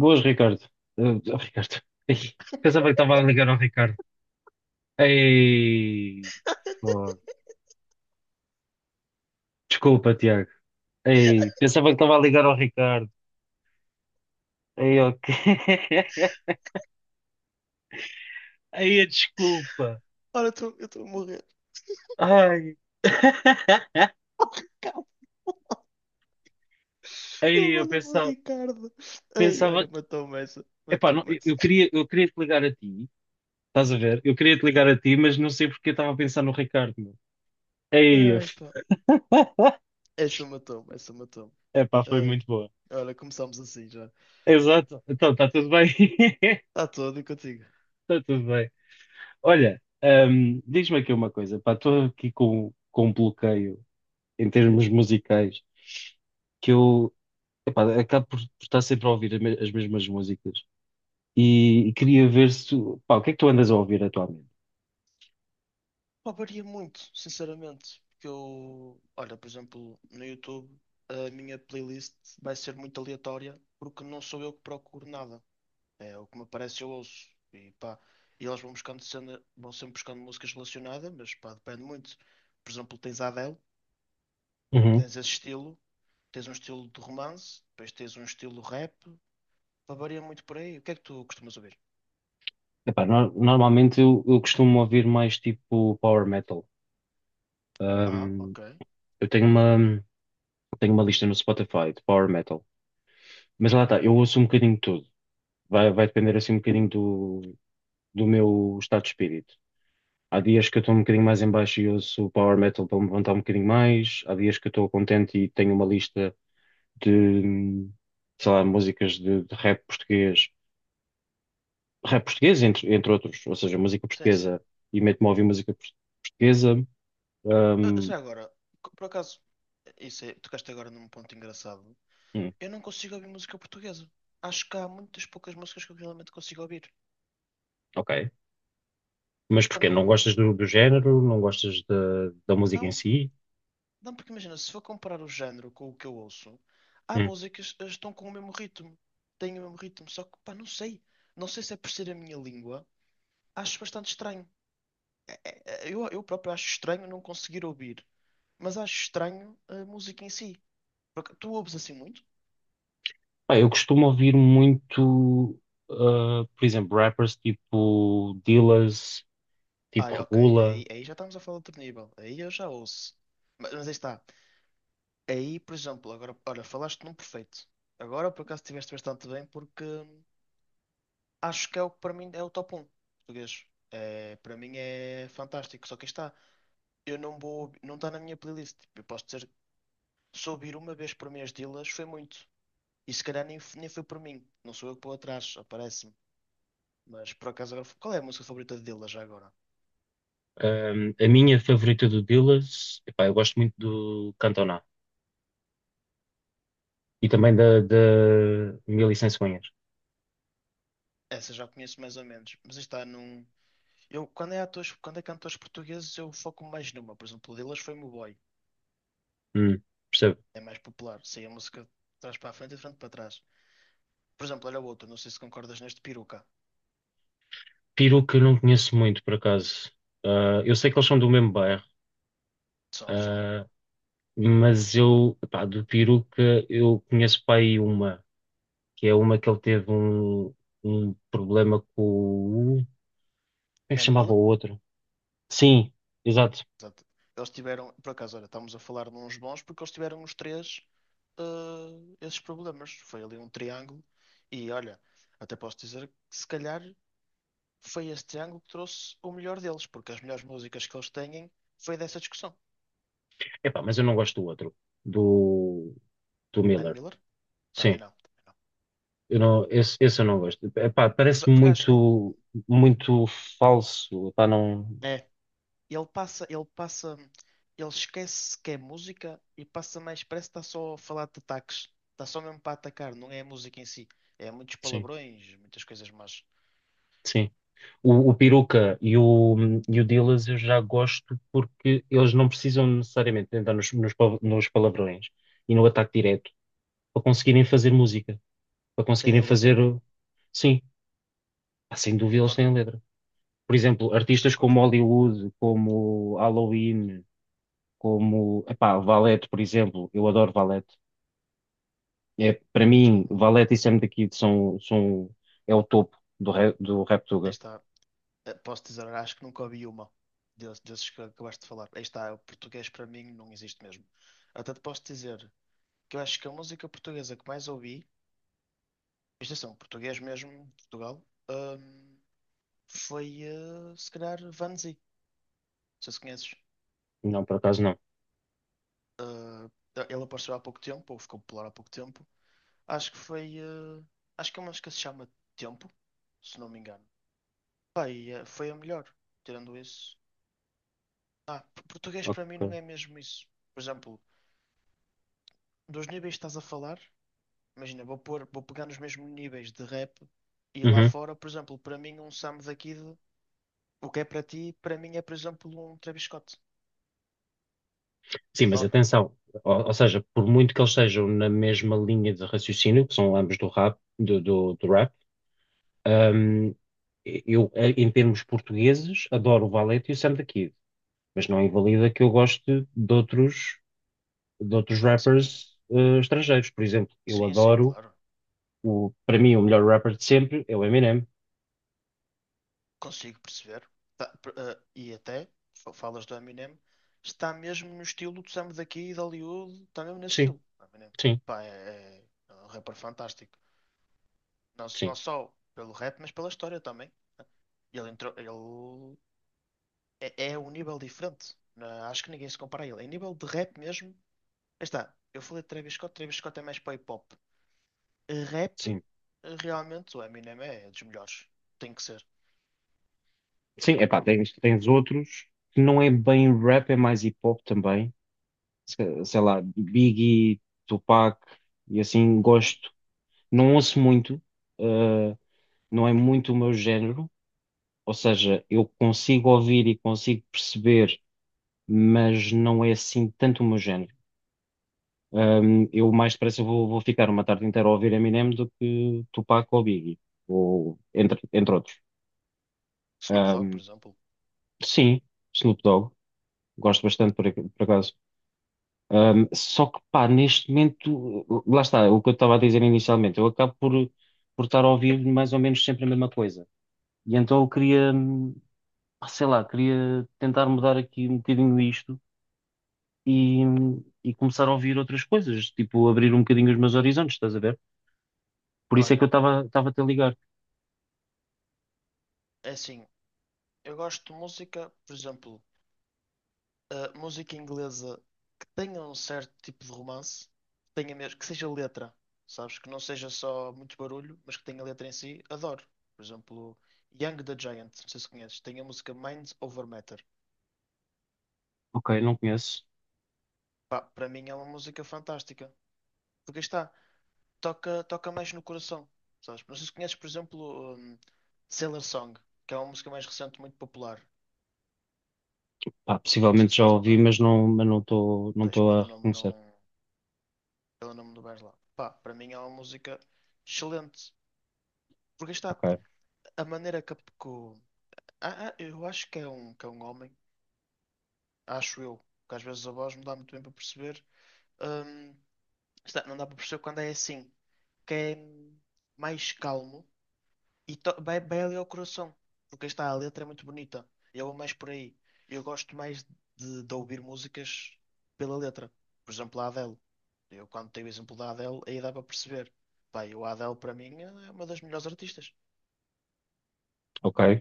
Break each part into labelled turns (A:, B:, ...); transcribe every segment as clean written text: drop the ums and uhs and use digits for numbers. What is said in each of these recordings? A: Boas, Ricardo. Eh, oh, Ricardo. Ei, pensava que estava a ligar ao Ricardo. Ei, fo- Desculpa, Tiago. Ei, pensava que estava a ligar ao Ricardo. Ei, ok. Ei, a desculpa.
B: Olha, eu estou a morrer.
A: Ai.
B: Calma, ele
A: Ei, eu
B: manda-me o
A: pensava,
B: Ricardo. Ai,
A: pensava,
B: olha, matou-me essa.
A: epá, Não,
B: Matou-me essa.
A: eu queria te ligar a ti. Estás a ver? Eu queria te ligar a ti, mas não sei porque eu estava a pensar no Ricardo. Meu. Ei,
B: Ai,
A: f-
B: pá. Essa matou-me, essa matou-me.
A: Epá, foi
B: Ai.
A: muito boa.
B: Olha, começámos assim já.
A: Exato. Então, está tudo bem.
B: Está todo e contigo.
A: Está tudo bem. Olha, diz-me aqui uma coisa, pá, estou aqui com, um bloqueio em termos musicais que eu, epá, acabo por estar sempre a ouvir as as mesmas músicas e queria ver se, pá, o que é que tu andas a ouvir atualmente?
B: Pá, varia muito, sinceramente. Porque eu, olha, por exemplo, no YouTube, a minha playlist vai ser muito aleatória porque não sou eu que procuro nada. É o que me aparece, eu ouço. E pá, e eles vão buscando cena, vão sempre buscando músicas relacionadas, mas pá, depende muito. Por exemplo, tens a Adele.
A: Uhum.
B: Tens esse estilo, tens um estilo de romance, depois tens um estilo rap, pá, varia muito por aí. O que é que tu costumas ouvir?
A: Epá, normalmente eu costumo ouvir mais tipo power metal.
B: Ah,
A: Hum,
B: ok.
A: eu tenho uma lista no Spotify de power metal, mas lá está, eu ouço um bocadinho de tudo, vai depender assim um bocadinho do meu estado de espírito. Há dias que eu estou um bocadinho mais em baixo e ouço o power metal para me levantar um bocadinho mais. Há dias que eu estou contente e tenho uma lista de, sei lá, músicas de rap português. Rap português, entre, entre outros, ou seja, música
B: Sim, sim.
A: portuguesa. E meto-me a ouvir música portuguesa.
B: Ah,
A: Ahm,
B: já agora, por acaso, isso é, tocaste agora num ponto engraçado.
A: hum,
B: Eu não consigo ouvir música portuguesa. Acho que há muitas poucas músicas que eu realmente consigo ouvir.
A: ok. Mas
B: Pá,
A: porquê? Não gostas
B: não,
A: do, do género? Não gostas da, da música em
B: não,
A: si?
B: não, porque imagina, se for comparar o género com o que eu ouço, há
A: Hum.
B: músicas que estão com o mesmo ritmo. Têm o mesmo ritmo, só que, pá, não sei. Não sei se é por ser a minha língua. Acho bastante estranho. Eu próprio acho estranho não conseguir ouvir, mas acho estranho a música em si. Porque tu ouves assim muito?
A: Pá, eu costumo ouvir muito, ah, por exemplo, rappers tipo Dillaz,
B: Ah,
A: tipo
B: é, ok,
A: Regula.
B: aí, aí já estamos a falar de outro nível. Aí eu já ouço. Mas aí está. Aí, por exemplo, agora, olha, falaste num perfeito. Agora, por acaso, estiveste bastante bem, porque acho que é o que para mim é o top 1 português. É, para mim é fantástico. Só que aí está. Eu não vou, não está na minha playlist. Tipo, eu posso dizer, se ouvir uma vez por mês delas, foi muito. E se calhar nem, nem foi por mim. Não sou eu que vou atrás, aparece-me. Mas por acaso agora. Qual é a música favorita dele já agora?
A: A minha favorita do Dillas, epá, eu gosto muito do Cantona e também da Mil e Cem Cegonhas.
B: Essa já conheço mais ou menos. Mas está num. Eu, quando é atores, quando é cantores portugueses, eu foco mais numa. Por exemplo, o Dillas foi Meu Boy.
A: Hum, Percebo.
B: É mais popular. Sei a música de trás para a frente e de frente para trás. Por exemplo, olha o outro. Não sei se concordas neste, Peruca.
A: Peru que eu não conheço muito, por acaso. Ah, eu sei que eles são do mesmo bairro,
B: São, são.
A: ah, mas eu, epá, do Peruca eu conheço para aí uma, que é uma que ele teve um problema com o. Como é que se
B: Danny
A: chamava o
B: Miller.
A: outro? Sim, exato.
B: Exato. Eles tiveram. Por acaso, olha, estamos a falar de uns bons porque eles tiveram os três esses problemas. Foi ali um triângulo. E olha, até posso dizer que se calhar. Foi este ângulo que trouxe o melhor deles, porque as melhores músicas que eles têm foi dessa discussão.
A: Epá, mas eu não gosto do outro, do, do
B: Dan
A: Miller.
B: Miller? Também
A: Sim.
B: não, também não.
A: Eu não, esse eu não gosto. Epá,
B: Mas,
A: parece
B: porque acho que ele
A: muito, muito falso. Epá, não.
B: é, ele passa, ele esquece que é música e passa mais, parece que está só a falar de ataques, está só mesmo para atacar, não é a música em si, é muitos
A: Sim,
B: palavrões, muitas coisas, mas
A: sim. O Peruca e o Dillaz eu já gosto porque eles não precisam necessariamente de entrar nos, nos palavrões e no ataque direto para conseguirem fazer música, para
B: tem
A: conseguirem
B: a
A: fazer.
B: letra.
A: Sim, pá, sem dúvida eles têm
B: Concordo,
A: a letra. Por exemplo,
B: se
A: artistas
B: concordo.
A: como Hollywood, como Halloween, como. Epá, Valete, por exemplo. Eu adoro Valete. É, para
B: Já
A: mim,
B: não...
A: Valete e Sam daqui são, são, é o topo do, rap, do
B: Aí
A: Raptuga.
B: está, posso dizer, acho que nunca ouvi uma desses que acabaste de falar. Aí está, o português para mim não existe mesmo. Até te posso dizer, que eu acho que a música portuguesa que mais ouvi, isto atenção, português mesmo, Portugal, hum, foi se calhar Vanzi, se conheces.
A: Não, por acaso não.
B: Ele apareceu há pouco tempo, ou ficou popular há pouco tempo. Acho que foi. Acho que é uma música que se chama Tempo, se não me engano. Pá, e, foi a melhor, tirando isso. Ah, português para mim
A: Ok.
B: não é mesmo isso. Por exemplo, dos níveis que estás a falar, imagina, vou pôr, vou pegar nos mesmos níveis de rap e lá
A: Uhum.
B: fora, por exemplo, para mim um Sam daqui. O que é para ti, para mim é, por exemplo, um Travis Scott.
A: Sim, mas
B: Adoro.
A: atenção, ou seja, por muito que eles sejam na mesma linha de raciocínio, que são ambos do rap, do rap, hum, eu, em termos portugueses, adoro o Valete e o Sam the Kid, mas não invalida que eu goste de outros
B: Sim,
A: rappers, estrangeiros. Por exemplo, eu
B: sim, sim,
A: adoro,
B: claro.
A: o, para mim, o melhor rapper de sempre é o Eminem.
B: Consigo perceber. Tá, e até, falas do Eminem, está mesmo no estilo do Sam daqui e de Hollywood, está mesmo nesse
A: Sim,
B: estilo. Eminem.
A: sim,
B: Pá, é um rapper fantástico. Não, não
A: sim.
B: só pelo rap, mas pela história também. Né? Ele entrou, ele é, é um nível diferente. Acho que ninguém se compara a ele. Em nível de rap mesmo, aí está. Eu falei de Travis Scott, Travis Scott é mais para hip hop. Rap,
A: Sim,
B: realmente, o Eminem é dos melhores. Tem que ser.
A: sim, epá, tens, tens outros que não é bem rap, é mais hip hop também. Sei lá, Biggie, Tupac e assim,
B: Uhum.
A: gosto. Não ouço muito, uh, não é muito o meu género, ou seja, eu consigo ouvir e consigo perceber, mas não é assim tanto o meu género. Eu mais depressa vou, vou ficar uma tarde inteira a ouvir Eminem do que Tupac ou Biggie, ou entre, entre outros.
B: Snoop Dogg, por
A: Um,
B: exemplo.
A: sim, Snoop Dogg, gosto bastante por, por acaso. Só que, pá, neste momento, lá está, o que eu estava a dizer inicialmente, eu acabo por estar a ouvir mais ou menos sempre a mesma coisa. E então eu queria, pá, sei lá, queria tentar mudar aqui um bocadinho isto e, e começar a ouvir outras coisas, tipo abrir um bocadinho os meus horizontes, estás a ver? Por isso é que eu
B: Olha,
A: estava a te ligar.
B: é assim, eu gosto de música, por exemplo, música inglesa que tenha um certo tipo de romance, que tenha mesmo, que seja letra, sabes? Que não seja só muito barulho, mas que tenha letra em si, adoro. Por exemplo, Young the Giant, não sei se conheces, tem a música Mind Over Matter.
A: Ok, não conheço.
B: Pá, para mim é uma música fantástica. Porque aí está, toca mais no coração, sabes? Não sei se conheces, por exemplo, um, Sailor Song, que é uma música mais recente, muito popular. Não
A: Pá,
B: sei se
A: possivelmente já
B: estás a
A: ouvi,
B: par.
A: mas não, mas não
B: Mas
A: estou a
B: pelo nome
A: reconhecer.
B: não, pelo nome do vais lá. Pá, para mim é uma música excelente. Porque aí está
A: Ok,
B: a maneira que, eu acho que é um homem, acho eu, que às vezes a voz não dá muito bem para perceber. Hum, está, não dá para perceber quando é assim, que é mais calmo. E vai ali ao coração, porque aí está, a letra é muito bonita. Eu vou mais por aí. Eu gosto mais de, ouvir músicas pela letra. Por exemplo, a Adele. Eu, quando tenho o exemplo da Adele, aí dá para perceber. Pá, eu, a Adele, para mim, é uma das melhores artistas.
A: ok.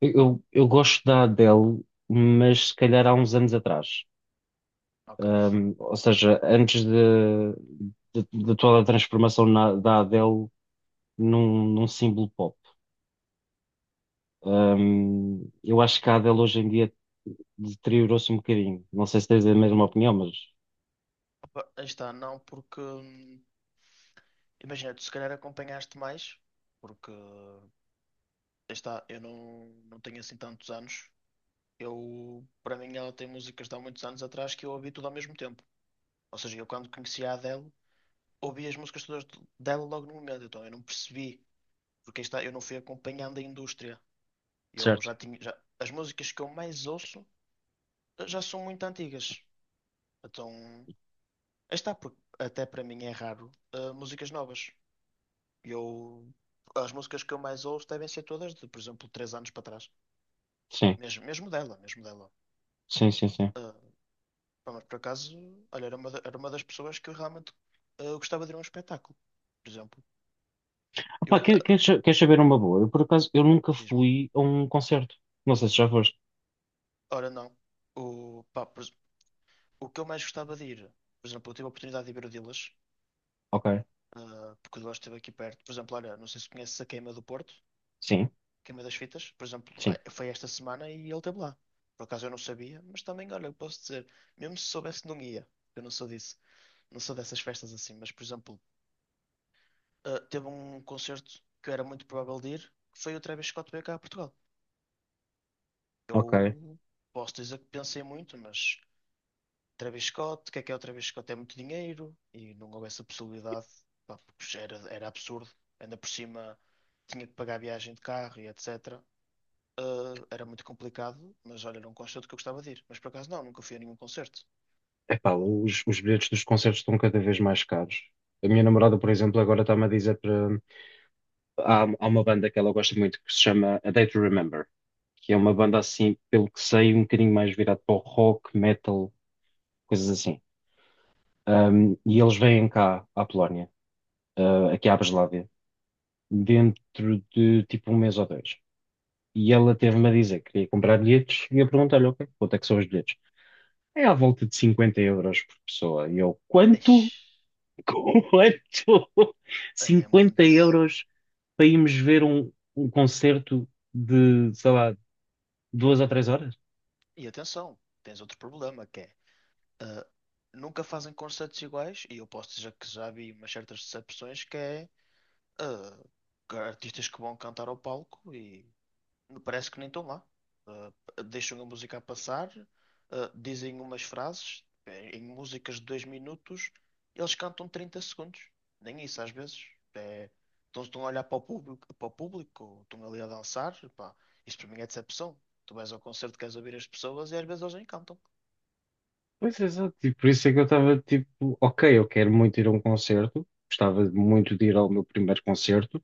A: Eu gosto da Adele, mas se calhar há uns anos atrás.
B: Ok.
A: Ou seja, antes de, de toda a transformação da Adele num, num símbolo pop. Eu acho que a Adele hoje em dia deteriorou-se um bocadinho. Não sei se tens a mesma opinião, mas
B: Opa, aí está, não, porque. Imagina, tu se calhar acompanhaste mais, porque. Aí está, eu não tenho assim tantos anos. Eu, para mim, ela tem músicas de há muitos anos atrás que eu ouvi tudo ao mesmo tempo. Ou seja, eu quando conheci a Adele. Ouvi as músicas todas dela logo no momento, então eu não percebi, porque aí está, eu não fui acompanhando a indústria. Eu
A: certo.
B: já tinha, as músicas que eu mais ouço já são muito antigas. Então, aí está, porque até para mim é raro, músicas novas. Eu, as músicas que eu mais ouço devem ser todas de, por exemplo, 3 anos para trás.
A: Sim,
B: Mesmo, mesmo dela, mesmo dela.
A: sim, sim, sim.
B: Eh, pá, mas por acaso, olha, era uma, era uma das pessoas que eu realmente gostava de ir a um espetáculo, por exemplo. Eu,
A: Epá, queres saber uma boa? Eu, por acaso, eu nunca
B: diz-me,
A: fui a um concerto. Não sei se já foste.
B: ora não. O, pá, o que eu mais gostava de ir, por exemplo, eu tive a oportunidade de ir ver o Dilas,
A: Ok.
B: porque o Dilas esteve aqui perto. Por exemplo, olha, não sei se conheces a Queima do Porto,
A: Sim,
B: Queima das Fitas, por exemplo,
A: sim,
B: foi esta semana e ele esteve lá. Por acaso eu não sabia, mas também, olha, eu posso dizer, mesmo se soubesse, não ia. Eu não sou disso, não sou dessas festas assim, mas, por exemplo, teve um concerto que eu era muito provável de ir, que foi o Travis Scott veio cá a Portugal.
A: ok.
B: Eu posso dizer que pensei muito, mas. Travis Scott, o que é o Travis Scott? É muito dinheiro e não houve essa possibilidade, pá, porque era absurdo. Ainda por cima tinha que pagar a viagem de carro e etc. Ah, era muito complicado, mas olha, era um concerto que eu gostava de ir. Mas por acaso não, nunca fui a nenhum concerto.
A: Epá, os bilhetes dos concertos estão cada vez mais caros. A minha namorada, por exemplo, agora está-me a dizer há, há uma banda que ela gosta muito que se chama A Day to Remember, que é uma banda assim, pelo que sei, um bocadinho mais virado para o rock, metal, coisas assim. E eles vêm cá à Polónia, aqui à Breslávia, dentro de tipo um mês ou dois. E ela teve-me a dizer que queria comprar bilhetes e eu perguntei-lhe, ok, quanto é que são os bilhetes? É à volta de cinquenta euros por pessoa. E eu, quanto?
B: Eish,
A: Quanto?
B: é
A: Cinquenta
B: muito.
A: euros para irmos ver um, um concerto de, sei lá, duas a três horas?
B: E atenção, tens outro problema que é ah, nunca fazem concertos iguais, e eu posso dizer que já vi umas certas decepções que é artistas que vão cantar ao palco e parece que nem estão lá. Ah, deixam a música a passar, dizem umas frases em músicas de 2 minutos, eles cantam 30 segundos. Nem isso às vezes. É, então estão a olhar para o público, estão ali a dançar. Pá, isso para mim é decepção. Tu vais ao concerto, queres ouvir as pessoas e às vezes eles nem cantam.
A: Pois exato, e por isso é que eu estava tipo, ok, eu quero muito ir a um concerto, gostava muito de ir ao meu primeiro concerto,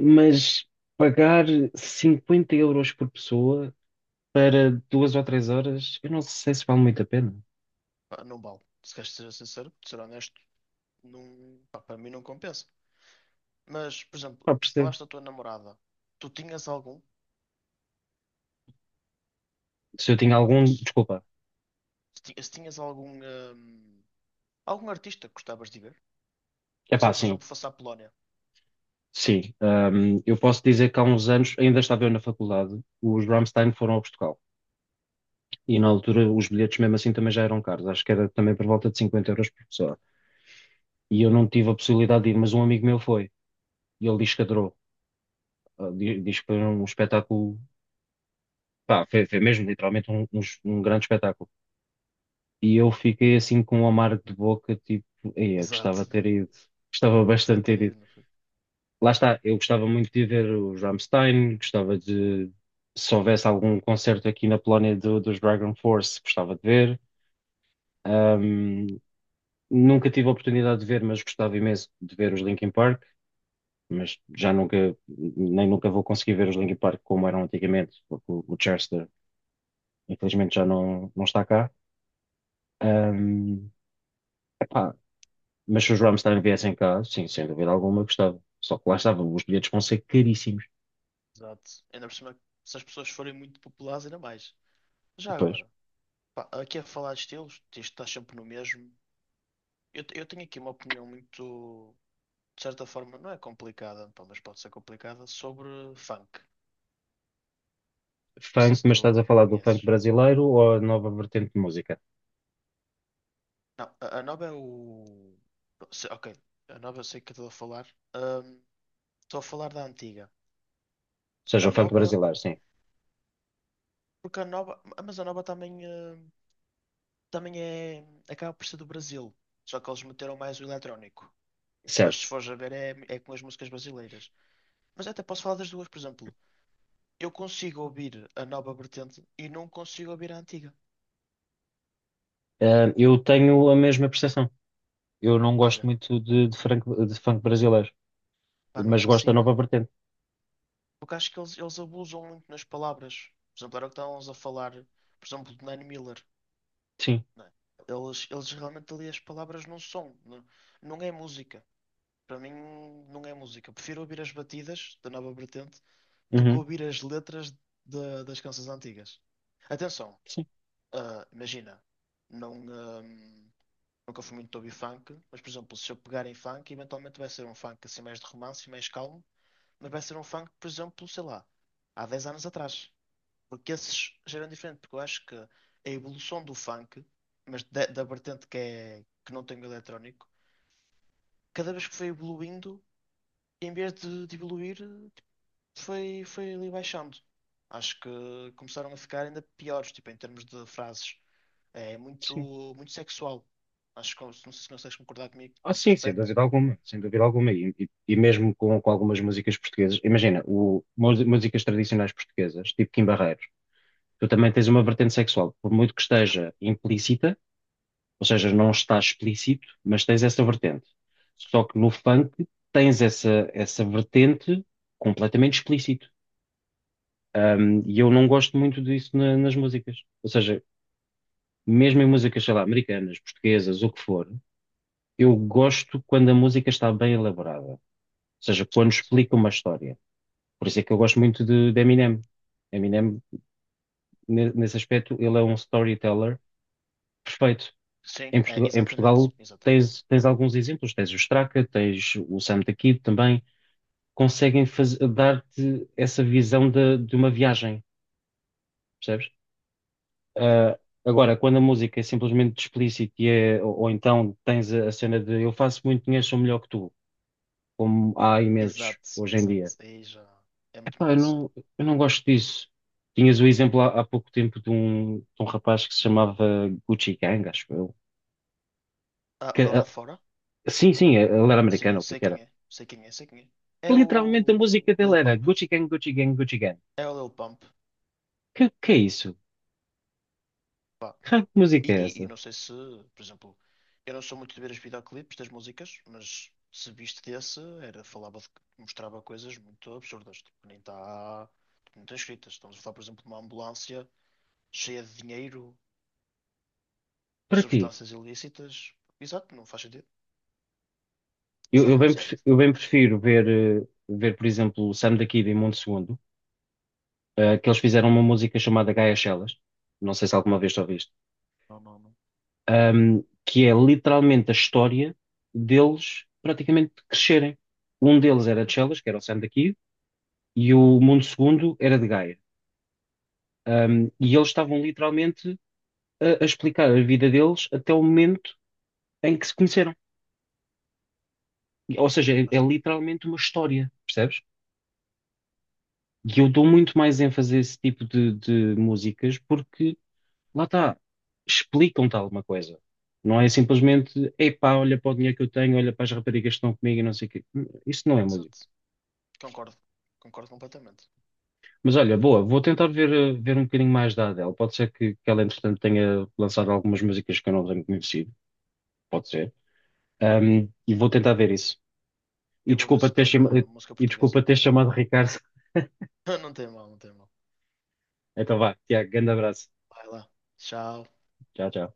A: mas pagar 50 euros por pessoa para duas ou três horas, eu não sei se vale muito a pena.
B: Pá, não vale. Se queres ser sincero, ser honesto, não, pá, para mim não compensa. Mas, por exemplo,
A: Pá, percebo.
B: falaste da tua namorada. Tu tinhas algum?
A: Se eu tinha
B: Não
A: algum,
B: sei,
A: desculpa.
B: se tinhas algum. Algum artista que gostavas de ver?
A: É
B: Se
A: pá,
B: ele, por
A: sim,
B: exemplo, fosse à Polónia.
A: sim. Eu posso dizer que há uns anos, ainda estava eu na faculdade, os Rammstein foram a Portugal. E na altura os bilhetes mesmo assim também já eram caros, acho que era também por volta de 50 euros por pessoa. E eu não tive a possibilidade de ir, mas um amigo meu foi e ele diz que adorou. Ah, diz que foi um espetáculo, pá, foi, foi mesmo literalmente um, um grande espetáculo. E eu fiquei assim com um amargo de boca, tipo, "Ei, eu gostava
B: Exato.
A: de ter ido, gostava bastante
B: Dizia
A: de
B: ter
A: ter ido."
B: ido, não foi?
A: Lá está, eu gostava muito de ver os Rammstein, gostava de, se houvesse algum concerto aqui na Polónia dos Dragon Force, gostava de ver. Ahm, nunca tive a oportunidade de ver, mas gostava imenso de ver os Linkin Park. Mas já nunca, nem nunca vou conseguir ver os Linkin Park como eram antigamente, porque o Chester, infelizmente, já não, não está cá. Ahm, Epá, mas se os Rammstein viessem cá, sim, sem dúvida alguma, eu gostava. Só que lá estava, os bilhetes vão ser caríssimos.
B: Exato. Ainda por cima, se as pessoas forem muito populares, ainda mais. Já
A: Depois,
B: agora, pá, aqui a falar de estilos, isto está sempre no mesmo. Eu tenho aqui uma opinião muito, de certa forma, não é complicada, pá, mas pode ser complicada, sobre funk. Não sei
A: funk,
B: se
A: mas estás
B: tu
A: a falar do funk
B: conheces.
A: brasileiro ou a nova vertente de música?
B: Não, a Nova é o. Ok, a Nova eu sei que estou a falar. Ahm, Estou a falar da antiga.
A: Ou
B: A
A: seja, o funk
B: Nova,
A: brasileiro, sim,
B: porque a Nova. Mas a Nova também. Também é. Acaba por ser do Brasil. Só que eles meteram mais o eletrónico. Mas se
A: certo.
B: fores a ver, é com as músicas brasileiras. Mas até posso falar das duas, por exemplo. Eu consigo ouvir a nova vertente e não consigo ouvir a antiga.
A: Eu tenho a mesma percepção. Eu não gosto
B: Olha,
A: muito de, funk, de funk brasileiro,
B: pá, não
A: mas gosto da
B: consigo.
A: nova vertente.
B: Porque acho que eles, abusam muito nas palavras. Por exemplo, era o que estávamos a falar, por exemplo, do Nanny Miller.
A: Sim.
B: Né? Eles realmente ali as palavras não são. Não, não é música. Para mim não é música. Prefiro ouvir as batidas da nova vertente do que
A: Uhum.
B: ouvir as letras das canções antigas. Atenção,
A: Sim.
B: imagina, não, nunca fui muito de ouvir funk, mas por exemplo, se eu pegar em funk, eventualmente vai ser um funk assim mais de romance, mais calmo, mas vai ser um funk, por exemplo, sei lá, há 10 anos atrás. Porque esses já eram diferentes, porque eu acho que a evolução do funk, mas da, vertente que, é, que não tem o eletrónico, cada vez que foi evoluindo em vez de evoluir, tipo, foi ali baixando. Acho que começaram a ficar ainda piores, tipo, em termos de frases. É
A: Sim.
B: muito, muito sexual. Acho que não sei se consegues concordar comigo
A: Ah,
B: nesse
A: sim, sem
B: aspecto.
A: dúvida alguma, sem dúvida alguma. E, e mesmo com algumas músicas portuguesas, imagina, o, músicas tradicionais portuguesas, tipo Kim Barreiros, tu também tens uma vertente sexual, por muito que esteja implícita, ou seja, não está explícito, mas tens essa vertente. Só que no funk tens essa, essa vertente completamente explícito. E eu não gosto muito disso nas músicas. Ou seja, mesmo em músicas, sei lá, americanas, portuguesas, o que for, eu gosto quando a música está bem elaborada. Seja, quando
B: Certo.
A: explica uma história. Por isso é que eu gosto muito de Eminem. Eminem, nesse aspecto, ele é um storyteller perfeito.
B: Sim, é,
A: Em
B: exatamente,
A: Portugal
B: exatamente.
A: tens, tens alguns exemplos, tens o Straka, tens o Sam the Kid também, conseguem dar-te essa visão de uma viagem, percebes?
B: Hum?
A: Ah, agora, quando a música é simplesmente explícita e é, ou então tens a cena de eu faço muito dinheiro, sou melhor que tu, como há imensos
B: Exato,
A: hoje em
B: exato.
A: dia.
B: Aí já é muito
A: Epá,
B: mau isso.
A: eu não gosto disso. Tinhas o exemplo há, há pouco tempo de um rapaz que se chamava Gucci Gang, acho eu.
B: Ah,
A: Que,
B: de lá
A: ah,
B: de fora?
A: sim, sim, ele era americano,
B: Sim,
A: o que é
B: sei
A: que
B: quem
A: era?
B: é, sei quem é, sei quem é. É
A: Literalmente a
B: o
A: música
B: Lil
A: dele era
B: Pump.
A: Gucci Gang, Gucci Gang, Gucci Gang.
B: É o Lil Pump.
A: Que é isso? Que raio de
B: E,
A: música é
B: e
A: essa?
B: não sei se, por exemplo, eu não sou muito de ver os videoclipes das músicas, mas se viste desse, era, falava de, mostrava coisas muito absurdas, tipo, nem está, não está escritas. Estamos a falar, por exemplo, de uma ambulância cheia de dinheiro,
A: Para quê?
B: substâncias ilícitas. Exato, não faz sentido. Não
A: Eu,
B: faz mesmo sentido.
A: eu bem prefiro ver, ver, por exemplo, o Sam da Kid e Mundo Segundo, que eles fizeram uma música chamada Gaia Chelas. Não sei se alguma vez ouviste.
B: Não, não, não.
A: Um, que é literalmente a história deles praticamente crescerem. Um deles era de Chelas, que era o Sam daqui, e o mundo segundo era de Gaia. Um, e eles estavam literalmente a explicar a vida deles até o momento em que se conheceram. Ou seja, é,
B: Mas
A: é
B: tem que-
A: literalmente uma história, percebes? E eu dou muito mais ênfase a esse tipo de músicas porque, lá está, explicam-te alguma coisa. Não é simplesmente, epá, olha para o dinheiro que eu tenho, olha para as raparigas que estão comigo e não sei o quê. Isso não é.
B: Exato. Concordo. Concordo completamente.
A: Mas olha, boa, vou tentar ver, ver um bocadinho mais da Adele. Pode ser que ela, entretanto, tenha lançado algumas músicas que eu não tenho conhecido. Pode ser. E vou tentar ver isso. E
B: Eu vou ver
A: desculpa
B: se
A: ter,
B: pego
A: chama-
B: na música
A: e
B: portuguesa.
A: desculpa ter chamado Ricardo.
B: Não tem mal, não tem mal.
A: Então vá, Tiago, grande abraço.
B: Vai lá. Tchau.
A: Tchau, tchau.